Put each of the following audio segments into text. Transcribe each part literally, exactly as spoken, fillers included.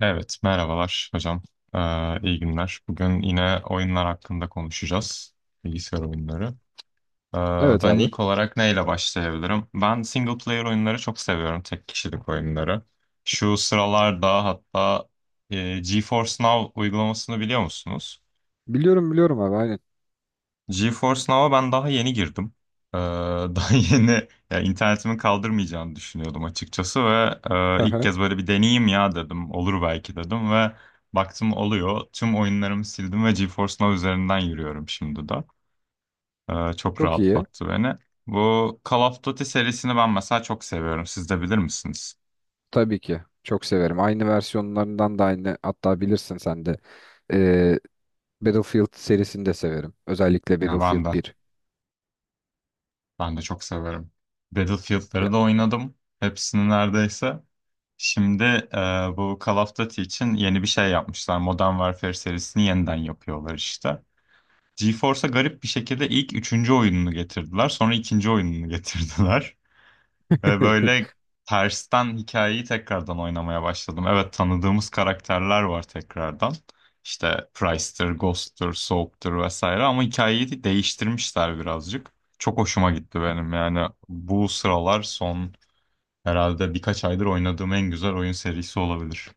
Evet, merhabalar hocam. Ee, iyi günler. Bugün yine oyunlar hakkında konuşacağız. Bilgisayar oyunları. Ee, Evet ben abi. ilk olarak neyle başlayabilirim? Ben single player oyunları çok seviyorum, tek kişilik oyunları. Şu sıralarda hatta e, GeForce Now uygulamasını biliyor musunuz? Biliyorum biliyorum abi aynen. GeForce Now'a ben daha yeni girdim. Ee, daha yeni ya internetimin kaldırmayacağını düşünüyordum açıkçası ve e, ilk Aha. kez böyle bir deneyeyim ya dedim. Olur belki dedim ve baktım oluyor. Tüm oyunlarımı sildim ve GeForce Now üzerinden yürüyorum şimdi de. Ee, çok Çok iyi. rahatlattı beni. Bu Call of Duty serisini ben mesela çok seviyorum. Siz de bilir misiniz? Tabii ki. Çok severim. Aynı versiyonlarından da aynı. Hatta bilirsin sen de. Ee, Battlefield serisini de severim. Özellikle Ya Battlefield ben de. bir Ben de çok severim. Battlefield'ları Ya- da oynadım. Hepsini neredeyse. Şimdi e, bu Call of Duty için yeni bir şey yapmışlar. Modern Warfare serisini yeniden yapıyorlar işte. GeForce'a garip bir şekilde ilk üçüncü oyununu getirdiler. Sonra ikinci oyununu getirdiler. Ve böyle tersten hikayeyi tekrardan oynamaya başladım. Evet, tanıdığımız karakterler var tekrardan. İşte Price'tır, Ghost'tur, Soap'tur vesaire ama hikayeyi de değiştirmişler birazcık. Çok hoşuma gitti benim yani bu sıralar son herhalde birkaç aydır oynadığım en güzel oyun serisi olabilir.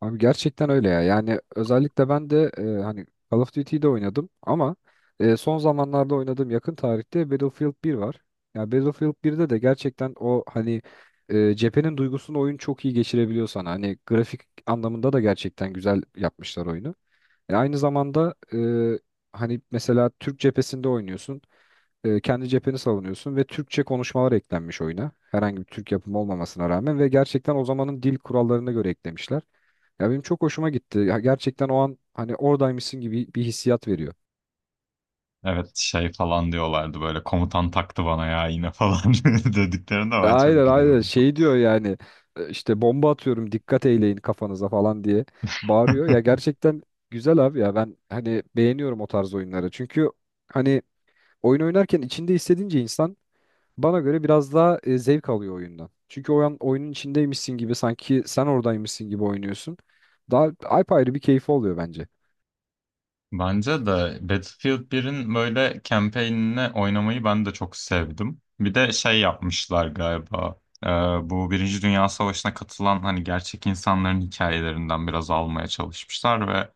Abi gerçekten öyle ya. Yani özellikle ben de e, hani Call of Duty'yi de oynadım ama e, son zamanlarda oynadığım yakın tarihte Battlefield bir var. Ya Battlefield birde de gerçekten o hani e, cephenin duygusunu oyun çok iyi geçirebiliyor sana. Hani grafik anlamında da gerçekten güzel yapmışlar oyunu. E, aynı zamanda e, hani mesela Türk cephesinde oynuyorsun. E, kendi cepheni savunuyorsun ve Türkçe konuşmalar eklenmiş oyuna. Herhangi bir Türk yapımı olmamasına rağmen ve gerçekten o zamanın dil kurallarına göre eklemişler. Ya benim çok hoşuma gitti. Ya gerçekten o an hani oradaymışsın gibi bir hissiyat veriyor. Evet şey falan diyorlardı böyle komutan taktı bana ya yine falan dediklerinde ben çok Aynen aynen gülüyordum. şey diyor yani e, işte bomba atıyorum dikkat eyleyin kafanıza falan diye bağırıyor. Ya gerçekten güzel abi ya ben hani beğeniyorum o tarz oyunları. Çünkü hani oyun oynarken içinde hissedince insan. Bana göre biraz daha e, zevk alıyor oyundan. Çünkü oyun, oyunun içindeymişsin gibi sanki sen oradaymışsın gibi oynuyorsun. Daha apayrı bir keyfi oluyor bence. Bence de Battlefield birin böyle campaign'ine oynamayı ben de çok sevdim. Bir de şey yapmışlar galiba. e, bu Birinci Dünya Savaşı'na katılan hani gerçek insanların hikayelerinden biraz almaya çalışmışlar ve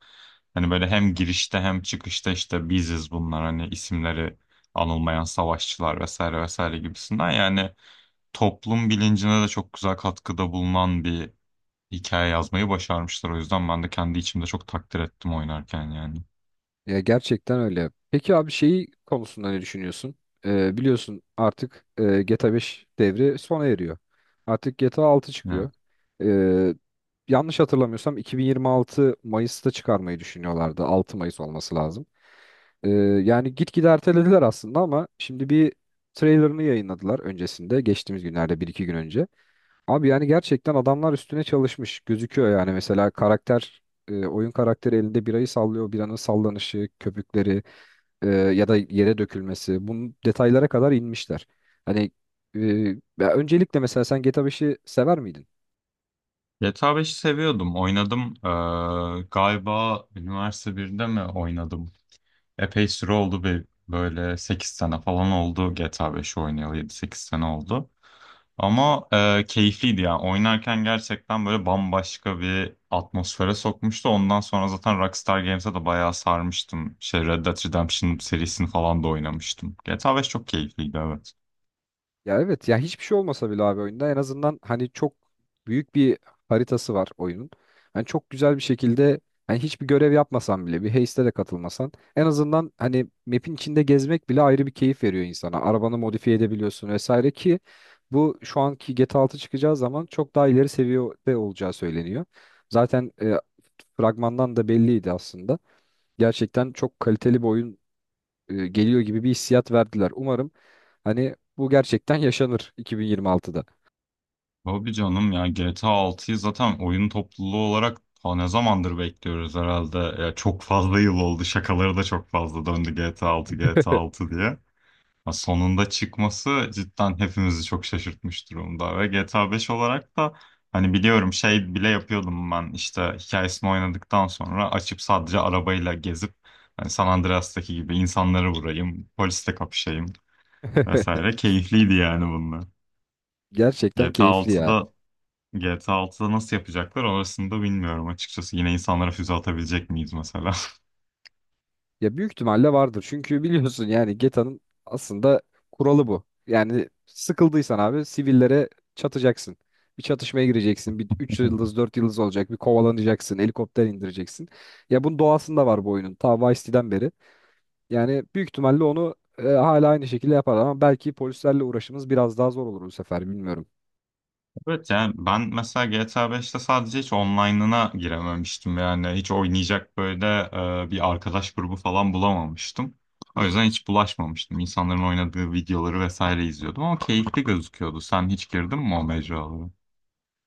hani böyle hem girişte hem çıkışta işte biziz bunlar hani isimleri anılmayan savaşçılar vesaire vesaire gibisinden yani toplum bilincine de çok güzel katkıda bulunan bir hikaye yazmayı başarmışlar. O yüzden ben de kendi içimde çok takdir ettim oynarken yani. Ya gerçekten öyle. Peki abi şeyi konusunda ne düşünüyorsun? Ee, biliyorsun artık e, G T A beş devri sona eriyor. Artık G T A altı çıkıyor. Ee, Yanlış hatırlamıyorsam iki bin yirmi altı Mayıs'ta çıkarmayı düşünüyorlardı. Altı Mayıs olması lazım. Ee, Yani gitgide ertelediler aslında ama şimdi bir trailerını yayınladılar öncesinde. Geçtiğimiz günlerde bir iki gün önce. Abi yani gerçekten adamlar üstüne çalışmış gözüküyor yani mesela karakter e, oyun karakteri elinde birayı sallıyor biranın sallanışı köpükleri e, ya da yere dökülmesi bunun detaylara kadar inmişler. Hani e, ya öncelikle mesela sen G T A beşi sever miydin? G T A beşi seviyordum. Oynadım. Ee, galiba üniversite birde mi oynadım? Epey süre oldu. Bir, böyle sekiz sene falan oldu G T A beşi oynayalı. Yedi sekiz sene oldu. Ama e, keyifliydi yani. Oynarken gerçekten böyle bambaşka bir atmosfere sokmuştu. Ondan sonra zaten Rockstar Games'e de bayağı sarmıştım. Şey Red Dead Redemption serisini falan da oynamıştım. G T A beş çok keyifliydi, evet. Ya evet ya hiçbir şey olmasa bile abi oyunda en azından hani çok büyük bir haritası var oyunun. Hani çok güzel bir şekilde hani hiçbir görev yapmasan bile bir heiste de katılmasan en azından hani map'in içinde gezmek bile ayrı bir keyif veriyor insana. Arabanı modifiye edebiliyorsun vesaire ki bu şu anki G T A altı çıkacağı zaman çok daha ileri seviyede olacağı söyleniyor. Zaten e, fragmandan da belliydi aslında. Gerçekten çok kaliteli bir oyun e, geliyor gibi bir hissiyat verdiler. Umarım hani bu gerçekten yaşanır iki bin yirmi altıda. Tabii canım ya G T A altıyı zaten oyun topluluğu olarak ta ne zamandır bekliyoruz herhalde. Ya çok fazla yıl oldu. Şakaları da çok fazla döndü G T A altı G T A altı diye. Ya sonunda çıkması cidden hepimizi çok şaşırtmış durumda. Ve G T A beş olarak da hani biliyorum şey bile yapıyordum ben işte hikayesini oynadıktan sonra açıp sadece arabayla gezip hani San Andreas'taki gibi insanları vurayım, polisle kapışayım vesaire. Keyifliydi yani bunlar. Gerçekten GTA keyifli ya. 6'da GTA 6'da nasıl yapacaklar orasını da bilmiyorum açıkçası. Yine insanlara füze atabilecek miyiz mesela? Ya büyük ihtimalle vardır. Çünkü biliyorsun yani Geta'nın aslında kuralı bu. Yani sıkıldıysan abi sivillere çatacaksın. Bir çatışmaya gireceksin. Bir üç yıldız dört yıldız olacak. Bir kovalanacaksın. Helikopter indireceksin. Ya bunun doğasında var bu oyunun. Ta Vice City'den beri. Yani büyük ihtimalle onu e, hala aynı şekilde yapar ama belki polislerle uğraşımız biraz daha zor olur bu sefer bilmiyorum. Evet yani ben mesela G T A beşte sadece hiç online'ına girememiştim. Yani hiç oynayacak böyle e, bir arkadaş grubu falan bulamamıştım. O yüzden hiç bulaşmamıştım. İnsanların oynadığı videoları vesaire izliyordum ama keyifli gözüküyordu. Sen hiç girdin mi o mecralara?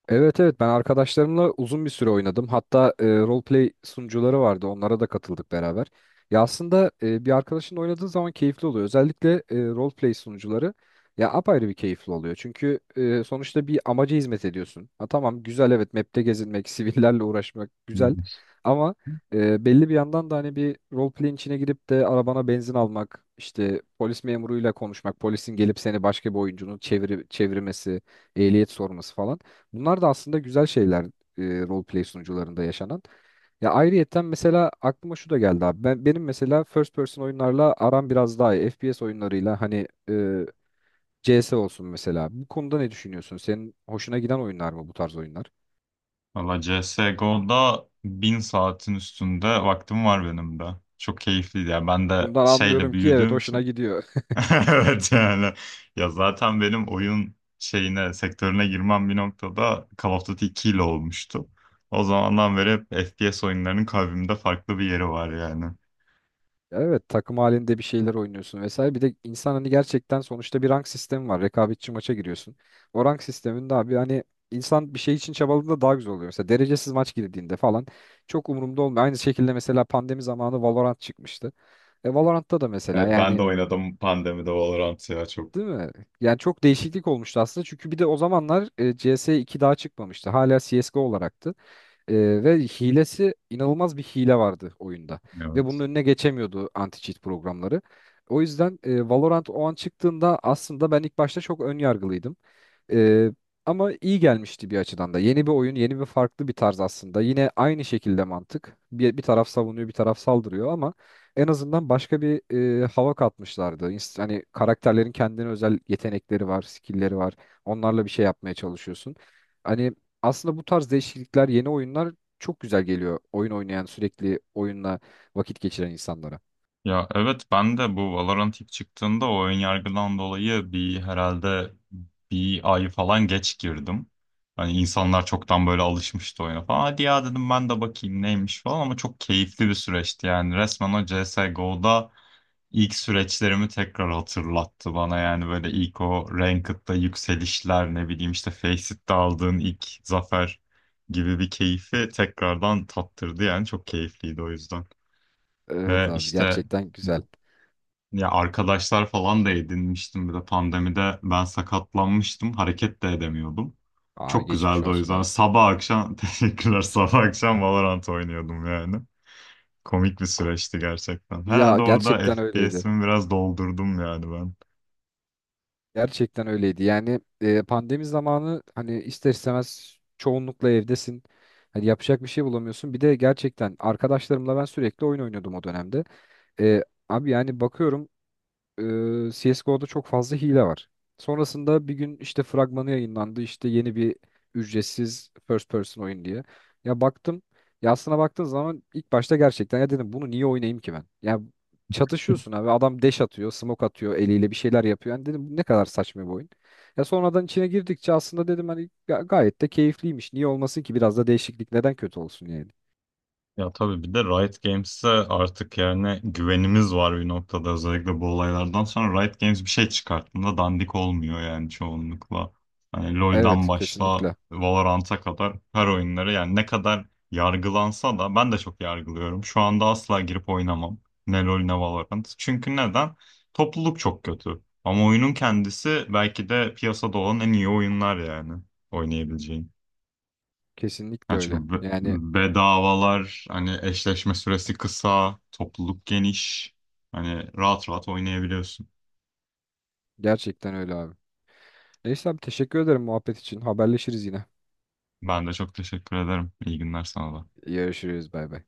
Evet evet ben arkadaşlarımla uzun bir süre oynadım. Hatta e, roleplay sunucuları vardı. Onlara da katıldık beraber. Ya aslında e, bir arkadaşın oynadığı zaman keyifli oluyor. Özellikle e, roleplay sunucuları ya apayrı bir keyifli oluyor. Çünkü e, sonuçta bir amaca hizmet ediyorsun. Ha tamam güzel evet map'te gezinmek, sivillerle uğraşmak güzel. Hmm. Ama e, belli bir yandan da hani bir roleplay'in içine girip de arabana benzin almak, işte polis memuruyla konuşmak, polisin gelip seni başka bir oyuncunun çeviri, çevirmesi, ehliyet sorması falan. Bunlar da aslında güzel şeyler e, roleplay sunucularında yaşanan. Ya ayrıyetten mesela aklıma şu da geldi abi. Ben, benim mesela first person oyunlarla aram biraz daha iyi. F P S oyunlarıyla hani e, C S olsun mesela. Bu konuda ne düşünüyorsun? Senin hoşuna giden oyunlar mı bu tarz oyunlar? Valla C S G O'da bin saatin üstünde vaktim var benim de. Çok keyifliydi. Yani ben de Bundan şeyle anlıyorum ki evet büyüdüğüm hoşuna için gidiyor. evet yani ya zaten benim oyun şeyine sektörüne girmem bir noktada Call of Duty iki ile olmuştu. O zamandan beri hep F P S oyunlarının kalbimde farklı bir yeri var yani. Ya evet takım halinde bir şeyler oynuyorsun vesaire. Bir de insan hani gerçekten sonuçta bir rank sistemi var. Rekabetçi maça giriyorsun. O rank sisteminde abi hani insan bir şey için çabaladığında daha güzel oluyor. Mesela derecesiz maç girdiğinde falan çok umurumda olmuyor. Aynı şekilde mesela pandemi zamanı Valorant çıkmıştı. E Valorant'ta da mesela Evet ben yani de oynadım pandemide Valorant ya çok. değil mi? Yani çok değişiklik olmuştu aslında. Çünkü bir de o zamanlar e, C S iki daha çıkmamıştı. Hala C S G O olaraktı. Ee, ve hilesi inanılmaz bir hile vardı oyunda. Ve bunun Evet. önüne geçemiyordu anti-cheat programları. O yüzden e, Valorant o an çıktığında aslında ben ilk başta çok ön yargılıydım. Ee, Ama iyi gelmişti bir açıdan da. Yeni bir oyun, yeni bir farklı bir tarz aslında. Yine aynı şekilde mantık. Bir, bir taraf savunuyor, bir taraf saldırıyor ama en azından başka bir e, hava katmışlardı. İns- Hani karakterlerin kendine özel yetenekleri var, skill'leri var. Onlarla bir şey yapmaya çalışıyorsun. Hani aslında bu tarz değişiklikler, yeni oyunlar çok güzel geliyor. Oyun oynayan, sürekli oyunla vakit geçiren insanlara. Ya evet ben de bu Valorant ilk çıktığında o ön yargıdan dolayı bir herhalde bir ay falan geç girdim. Hani insanlar çoktan böyle alışmıştı oyuna falan. Hadi ya dedim ben de bakayım neymiş falan ama çok keyifli bir süreçti yani. Resmen o C S. C S G O'da ilk süreçlerimi tekrar hatırlattı bana yani böyle ilk o Ranked'da yükselişler ne bileyim işte Faceit aldığın ilk zafer gibi bir keyfi tekrardan tattırdı yani çok keyifliydi o yüzden. Evet Ve abi işte gerçekten güzel. ya arkadaşlar falan da edinmiştim. Bir de pandemide ben sakatlanmıştım. Hareket de edemiyordum. Aa Çok geçmiş güzeldi o olsun yüzden. abi. Sabah akşam teşekkürler. Sabah akşam Valorant oynuyordum yani. Komik bir süreçti gerçekten. Ya Herhalde orada gerçekten öyleydi. F P S'imi biraz doldurdum yani ben. Gerçekten öyleydi. Yani e, pandemi zamanı hani ister istemez çoğunlukla evdesin. Hani yapacak bir şey bulamıyorsun. Bir de gerçekten arkadaşlarımla ben sürekli oyun oynuyordum o dönemde. E, Abi yani bakıyorum e, C S G O'da çok fazla hile var. Sonrasında bir gün işte fragmanı yayınlandı. İşte yeni bir ücretsiz first person oyun diye. Ya baktım. Ya aslına baktığın zaman ilk başta gerçekten ya dedim bunu niye oynayayım ki ben? Ya çatışıyorsun abi. Adam dash atıyor, smoke atıyor eliyle bir şeyler yapıyor. Yani dedim bu ne kadar saçma bir oyun. Ya sonradan içine girdikçe aslında dedim hani ga- gayet de keyifliymiş. Niye olmasın ki biraz da değişiklik neden kötü olsun yani? Ya tabii bir de Riot Games'e artık yani güvenimiz var bir noktada, özellikle bu olaylardan sonra Riot Games bir şey çıkarttığında dandik olmuyor yani çoğunlukla. Hani LoL'dan Evet başla kesinlikle. Valorant'a kadar her oyunları yani ne kadar yargılansa da ben de çok yargılıyorum. Şu anda asla girip oynamam. Ne LoL ne Valorant. Çünkü neden? Topluluk çok kötü. Ama oyunun kendisi belki de piyasada olan en iyi oyunlar yani oynayabileceğin. Kesinlikle Yani öyle. çünkü be- Yani bedavalar, hani eşleşme süresi kısa, topluluk geniş. Hani rahat rahat oynayabiliyorsun. gerçekten öyle abi. Neyse abi teşekkür ederim muhabbet için. Haberleşiriz yine. Ben de çok teşekkür ederim. İyi günler sana da. Görüşürüz bay bay.